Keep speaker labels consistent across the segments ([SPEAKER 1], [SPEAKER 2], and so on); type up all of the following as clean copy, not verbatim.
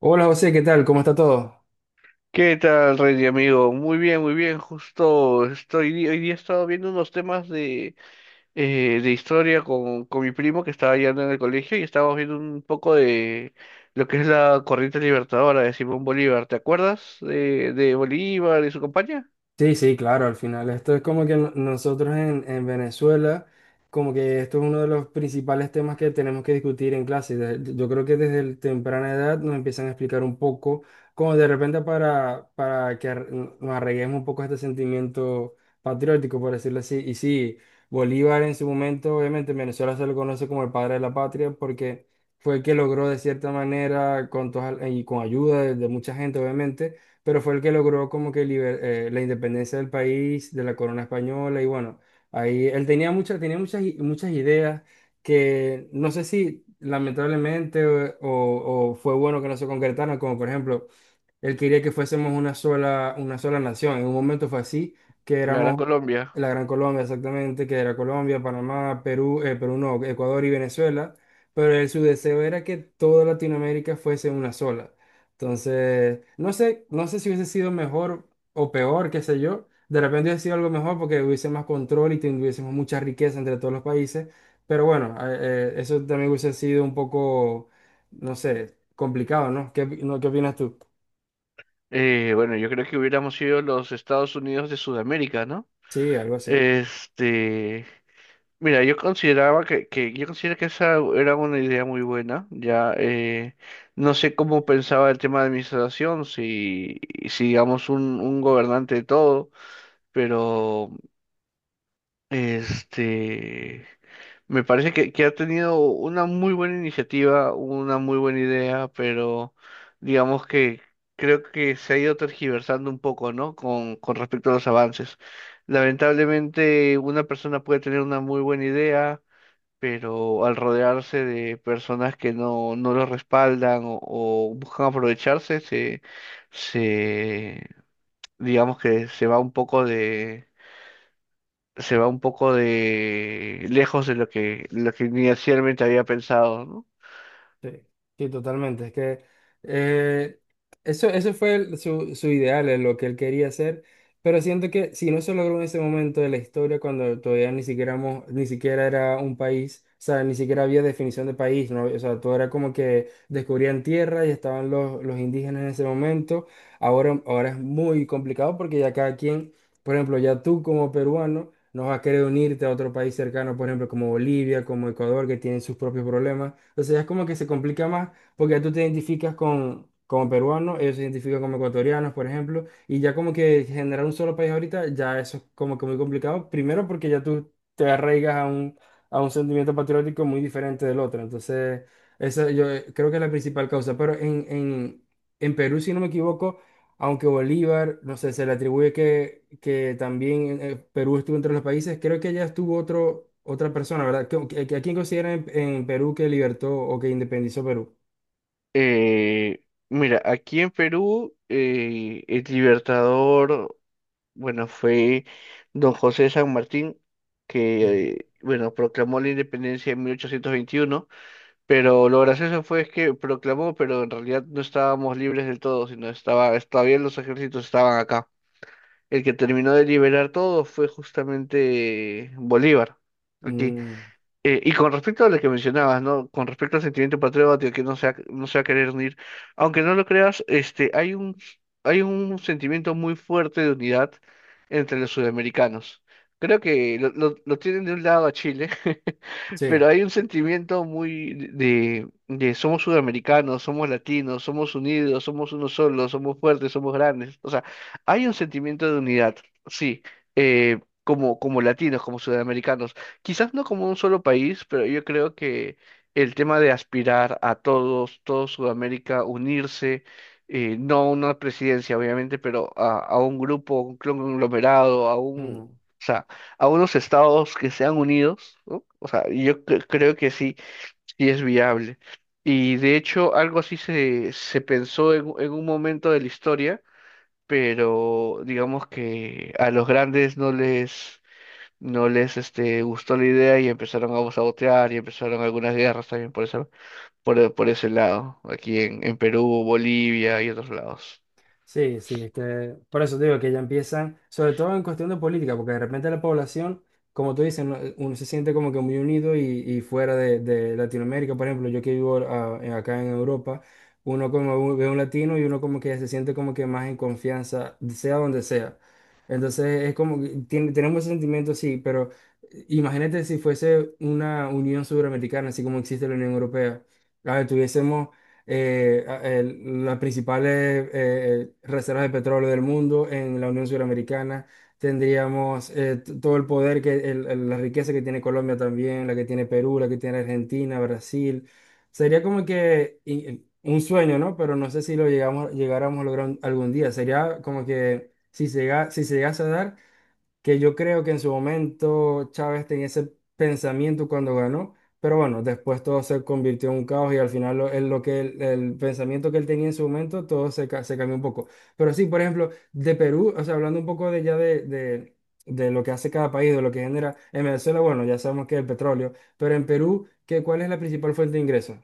[SPEAKER 1] Hola José, ¿qué tal? ¿Cómo está todo?
[SPEAKER 2] ¿Qué tal, Rey, amigo? Muy bien, muy bien. Justo estoy, hoy día he estado viendo unos temas de historia con mi primo que estaba yendo en el colegio y estábamos viendo un poco de lo que es la corriente libertadora de Simón Bolívar. ¿Te acuerdas de Bolívar y su compañía?
[SPEAKER 1] Sí, sí, claro, al final esto es como que nosotros en Venezuela, como que esto es uno de los principales temas que tenemos que discutir en clase. Yo creo que desde el temprana edad nos empiezan a explicar un poco, como de repente para que nos arreguemos un poco a este sentimiento patriótico, por decirlo así. Y sí, Bolívar en su momento, obviamente en Venezuela se lo conoce como el padre de la patria porque fue el que logró de cierta manera, y con ayuda de mucha gente, obviamente, pero fue el que logró como que la independencia del país, de la corona española, y bueno, ahí él tenía muchas ideas que no sé si lamentablemente o fue bueno que no se concretaron, como por ejemplo, él quería que fuésemos una sola nación, en un momento fue así, que
[SPEAKER 2] La Gran
[SPEAKER 1] éramos
[SPEAKER 2] Colombia.
[SPEAKER 1] la Gran Colombia exactamente, que era Colombia, Panamá, Perú, Perú no, Ecuador y Venezuela, pero él, su deseo era que toda Latinoamérica fuese una sola. Entonces, no sé si hubiese sido mejor o peor, qué sé yo. De repente hubiese sido algo mejor porque hubiese más control y tuviésemos mucha riqueza entre todos los países. Pero bueno, eso también hubiese sido un poco, no sé, complicado, ¿no? ¿Qué, opi- no, qué opinas tú?
[SPEAKER 2] Bueno, yo creo que hubiéramos sido los Estados Unidos de Sudamérica, ¿no?
[SPEAKER 1] Sí, algo así.
[SPEAKER 2] Este. Mira, yo consideraba que yo considero que esa era una idea muy buena. Ya no sé cómo pensaba el tema de administración, si digamos un gobernante de todo, pero este me parece que ha tenido una muy buena iniciativa, una muy buena idea, pero digamos que creo que se ha ido tergiversando un poco, ¿no? Con respecto a los avances. Lamentablemente, una persona puede tener una muy buena idea, pero al rodearse de personas que no, no lo respaldan o buscan aprovecharse, se, digamos que se va un poco de, lejos de lo que inicialmente había pensado, ¿no?
[SPEAKER 1] Sí, sí, totalmente. Es que eh, eso fue su ideal, es lo que él quería hacer, pero siento que si no se logró en ese momento de la historia, cuando todavía ni siquiera era un país, o sea, ni siquiera había definición de país, ¿no? O sea, todo era como que descubrían tierra y estaban los indígenas en ese momento. Ahora es muy complicado porque ya cada quien, por ejemplo, ya tú como peruano no vas a querer unirte a otro país cercano, por ejemplo, como Bolivia, como Ecuador, que tienen sus propios problemas. Entonces es como que se complica más porque ya tú te identificas como peruano, ellos se identifican como ecuatorianos, por ejemplo, y ya como que generar un solo país ahorita, ya eso es como que muy complicado. Primero porque ya tú te arraigas a un sentimiento patriótico muy diferente del otro. Entonces, esa yo creo que es la principal causa. Pero en Perú, si no me equivoco, aunque Bolívar, no sé, se le atribuye que también Perú estuvo entre los países, creo que ya estuvo otro, otra persona, ¿verdad? ¿A quién consideran en Perú que libertó o que independizó Perú?
[SPEAKER 2] Eh, Mira, aquí en Perú, el libertador, bueno, fue don José de San Martín, que,
[SPEAKER 1] Ujú.
[SPEAKER 2] bueno, proclamó la independencia en 1821. Pero lo gracioso fue es que proclamó, pero en realidad no estábamos libres del todo, sino estaba, todavía los ejércitos estaban acá. El que terminó de liberar todo fue justamente Bolívar, aquí.
[SPEAKER 1] Mm,
[SPEAKER 2] Y con respecto a lo que mencionabas, ¿no? Con respecto al sentimiento patriótico que no se va a querer unir, aunque no lo creas, hay un sentimiento muy fuerte de unidad entre los sudamericanos. Creo que lo tienen de un lado a Chile, pero
[SPEAKER 1] sí.
[SPEAKER 2] hay un sentimiento muy de somos sudamericanos, somos latinos, somos unidos, somos uno solo, somos fuertes, somos grandes. O sea, hay un sentimiento de unidad, sí, como, latinos, como sudamericanos, quizás no como un solo país, pero yo creo que el tema de aspirar a todos, todo Sudamérica, unirse, no a una presidencia, obviamente, pero a un grupo, un conglomerado, o sea, a unos estados que sean unidos, ¿no? O sea, yo creo que sí, sí es viable. Y de hecho, algo así se pensó en, un momento de la historia, pero digamos que a los grandes no les gustó la idea y empezaron a sabotear, y empezaron algunas guerras también por esa, por ese lado, aquí en Perú, Bolivia y otros lados.
[SPEAKER 1] Sí, sí, es que por eso te digo que ya empiezan, sobre todo en cuestión de política, porque de repente la población, como tú dices, uno se siente como que muy unido y fuera de Latinoamérica, por ejemplo, yo que vivo acá en Europa, uno como ve un latino y uno como que se siente como que más en confianza, sea donde sea. Entonces es como que tenemos ese sentimiento, sí, pero imagínate si fuese una unión sudamericana, así como existe la Unión Europea. A ver, tuviésemos las principales reservas de petróleo del mundo en la Unión Suramericana. Tendríamos todo el poder, que la riqueza que tiene Colombia también, la que tiene Perú, la que tiene Argentina, Brasil. Sería como que un sueño, ¿no? Pero no sé si lo llegamos, llegáramos a lograr algún día. Sería como que si se llega, si se llegase a dar, que yo creo que en su momento Chávez tenía ese pensamiento cuando ganó, pero bueno, después todo se convirtió en un caos y al final lo, él- lo que él- el pensamiento que él tenía en su momento, todo se cambió un poco. Pero sí, por ejemplo, de Perú, o sea, hablando un poco de ya de lo que hace cada país, de lo que genera en Venezuela, bueno, ya sabemos que es el petróleo, pero en Perú, ¿qué, cuál es la principal fuente de ingresos?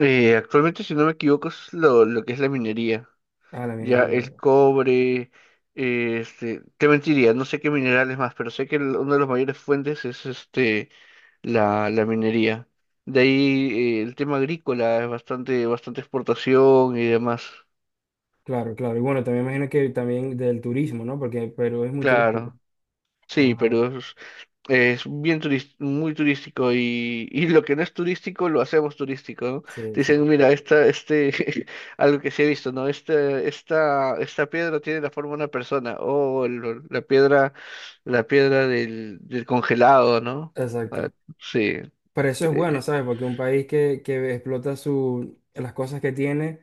[SPEAKER 2] Actualmente, si no me equivoco, es lo que es la minería.
[SPEAKER 1] Ah, la
[SPEAKER 2] Ya
[SPEAKER 1] minería.
[SPEAKER 2] el cobre, te mentiría, no sé qué minerales más, pero sé que el- una de las mayores fuentes es la minería. De ahí el tema agrícola es bastante, bastante exportación y demás.
[SPEAKER 1] Claro, claro. Y bueno, también imagino que también del turismo, ¿no? Porque Perú es muy turístico.
[SPEAKER 2] Claro.
[SPEAKER 1] Es
[SPEAKER 2] Sí,
[SPEAKER 1] una-
[SPEAKER 2] Perú es bien muy turístico, y lo que no es turístico lo hacemos turístico, ¿no?
[SPEAKER 1] Sí,
[SPEAKER 2] Te
[SPEAKER 1] sí.
[SPEAKER 2] dicen, mira, algo que se ha visto, ¿no? Esta, piedra tiene la forma de una persona, o la piedra del congelado, ¿no? Ah,
[SPEAKER 1] Exacto.
[SPEAKER 2] sí,
[SPEAKER 1] Pero eso es
[SPEAKER 2] eh,
[SPEAKER 1] bueno, ¿sabes? Porque un país que explota las cosas que tiene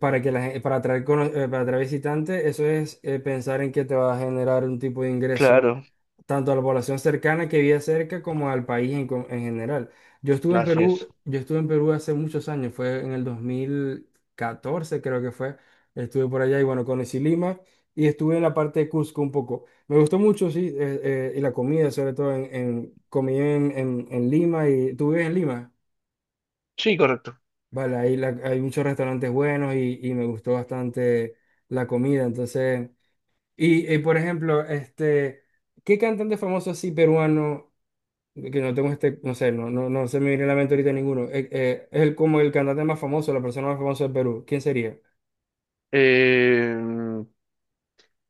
[SPEAKER 1] para, que la, gen- para, atraer, cono- para atraer visitantes, eso es pensar en que te va a generar un tipo de ingreso
[SPEAKER 2] claro,
[SPEAKER 1] tanto a la población cercana que vive cerca como al país en general. Yo estuve en
[SPEAKER 2] así es.
[SPEAKER 1] Perú, yo estuve en Perú hace muchos años, fue en el 2014 creo que fue, estuve por allá y bueno, conocí Lima y estuve en la parte de Cusco un poco. Me gustó mucho, sí, y la comida, sobre todo en comí en Lima, y tú vives en Lima,
[SPEAKER 2] Sí, correcto.
[SPEAKER 1] vale, ahí hay muchos restaurantes buenos y me gustó bastante la comida, entonces, por ejemplo, este, ¿qué cantante famoso así peruano, que no tengo este, no sé, no, no, no se me viene a la mente ahorita ninguno, es como el cantante más famoso, la persona más famosa de Perú, ¿quién sería?
[SPEAKER 2] Eh,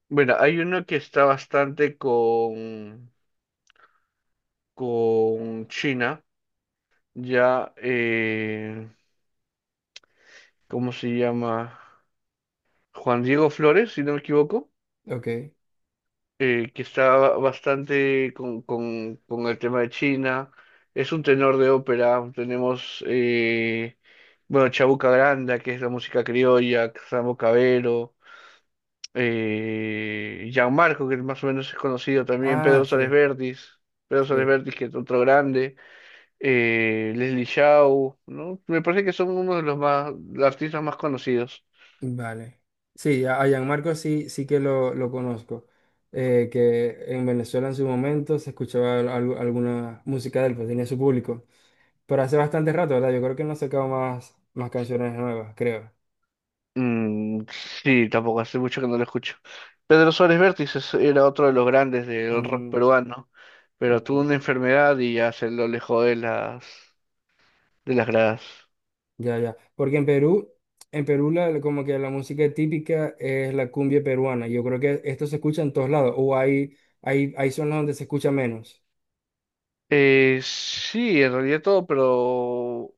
[SPEAKER 2] bueno, hay uno que está bastante con China, ya. ¿Cómo se llama? Juan Diego Flores, si no me equivoco,
[SPEAKER 1] Ok.
[SPEAKER 2] que está bastante con el tema de China. Es un tenor de ópera. Tenemos, bueno, Chabuca Granda, que es la música criolla, Samo Cabero, Gianmarco, que más o menos es conocido también,
[SPEAKER 1] Ah,
[SPEAKER 2] Pedro Suárez
[SPEAKER 1] sí,
[SPEAKER 2] Vértiz, Pedro Suárez
[SPEAKER 1] sí.
[SPEAKER 2] Vértiz, que es otro grande, Leslie Shaw, ¿no? Me parece que son uno de los artistas más conocidos.
[SPEAKER 1] Vale. Sí, a Gianmarco sí, sí que lo conozco. Que en Venezuela en su momento se escuchaba alguna música de él, pues tenía su público. Pero hace bastante rato, ¿verdad? Yo creo que no ha sacado más canciones nuevas, creo.
[SPEAKER 2] Mm, sí, tampoco hace mucho que no lo escucho. Pedro Suárez Vértiz era otro de los grandes del rock
[SPEAKER 1] Mm,
[SPEAKER 2] peruano, pero tuvo
[SPEAKER 1] vale.
[SPEAKER 2] una enfermedad y ya se lo alejó de las gradas.
[SPEAKER 1] Ya, ya. Porque en Perú como que la música típica es la cumbia peruana. Yo creo que esto se escucha en todos lados. O hay zonas donde se escucha menos.
[SPEAKER 2] Sí, en realidad todo, pero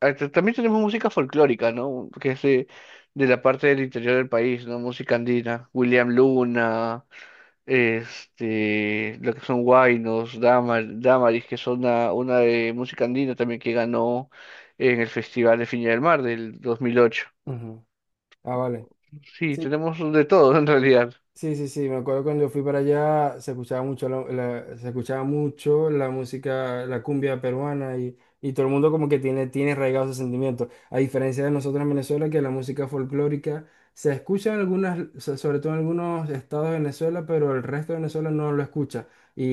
[SPEAKER 2] también tenemos música folclórica, ¿no? Que es de la parte del interior del país, ¿no? Música andina, William Luna, lo que son Huaynos, Damaris, que son una de música andina también, que ganó en el Festival de Viña del Mar del 2008.
[SPEAKER 1] Ujú. Ah, vale.
[SPEAKER 2] Sí, tenemos de todo en realidad,
[SPEAKER 1] Sí, sí, sí, me acuerdo cuando fui para allá se escuchaba mucho se escuchaba mucho la música, la cumbia peruana y todo el mundo como que tiene arraigado ese sentimiento. A diferencia de nosotros en Venezuela, que la música folclórica se escucha en sobre todo en algunos estados de Venezuela, pero el resto de Venezuela no lo escucha. Y,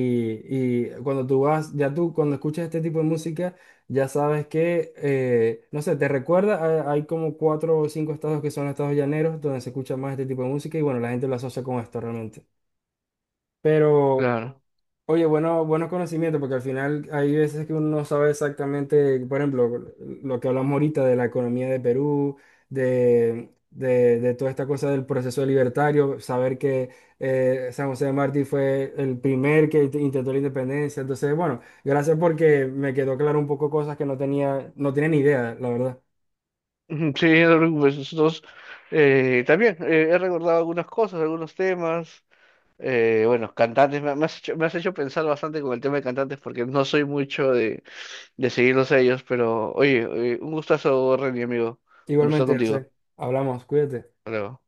[SPEAKER 1] y cuando tú vas, ya tú cuando escuchas este tipo de música ya sabes que, no sé, te recuerda, hay como cuatro o cinco estados que son estados llaneros donde se escucha más este tipo de música y bueno, la gente lo asocia con esto realmente. Pero
[SPEAKER 2] claro.
[SPEAKER 1] Oye, bueno, buenos conocimientos, porque al final hay veces que uno no sabe exactamente, por ejemplo, lo que hablamos ahorita de la economía de Perú, de toda esta cosa del proceso libertario, saber que San José de Martí fue el primer que intentó la independencia. Entonces, bueno, gracias porque me quedó claro un poco cosas que no tenía ni idea, la verdad.
[SPEAKER 2] Ujú. Sí, no te preocupes, nosotros también he recordado algunas cosas, algunos temas. Bueno, cantantes, me has hecho, me has hecho, pensar bastante con el tema de cantantes, porque no soy mucho de seguirlos a ellos, pero oye, un gustazo, Renny, amigo, conversar
[SPEAKER 1] Igualmente,
[SPEAKER 2] contigo.
[SPEAKER 1] José, hablamos, cuídate.
[SPEAKER 2] Hasta luego.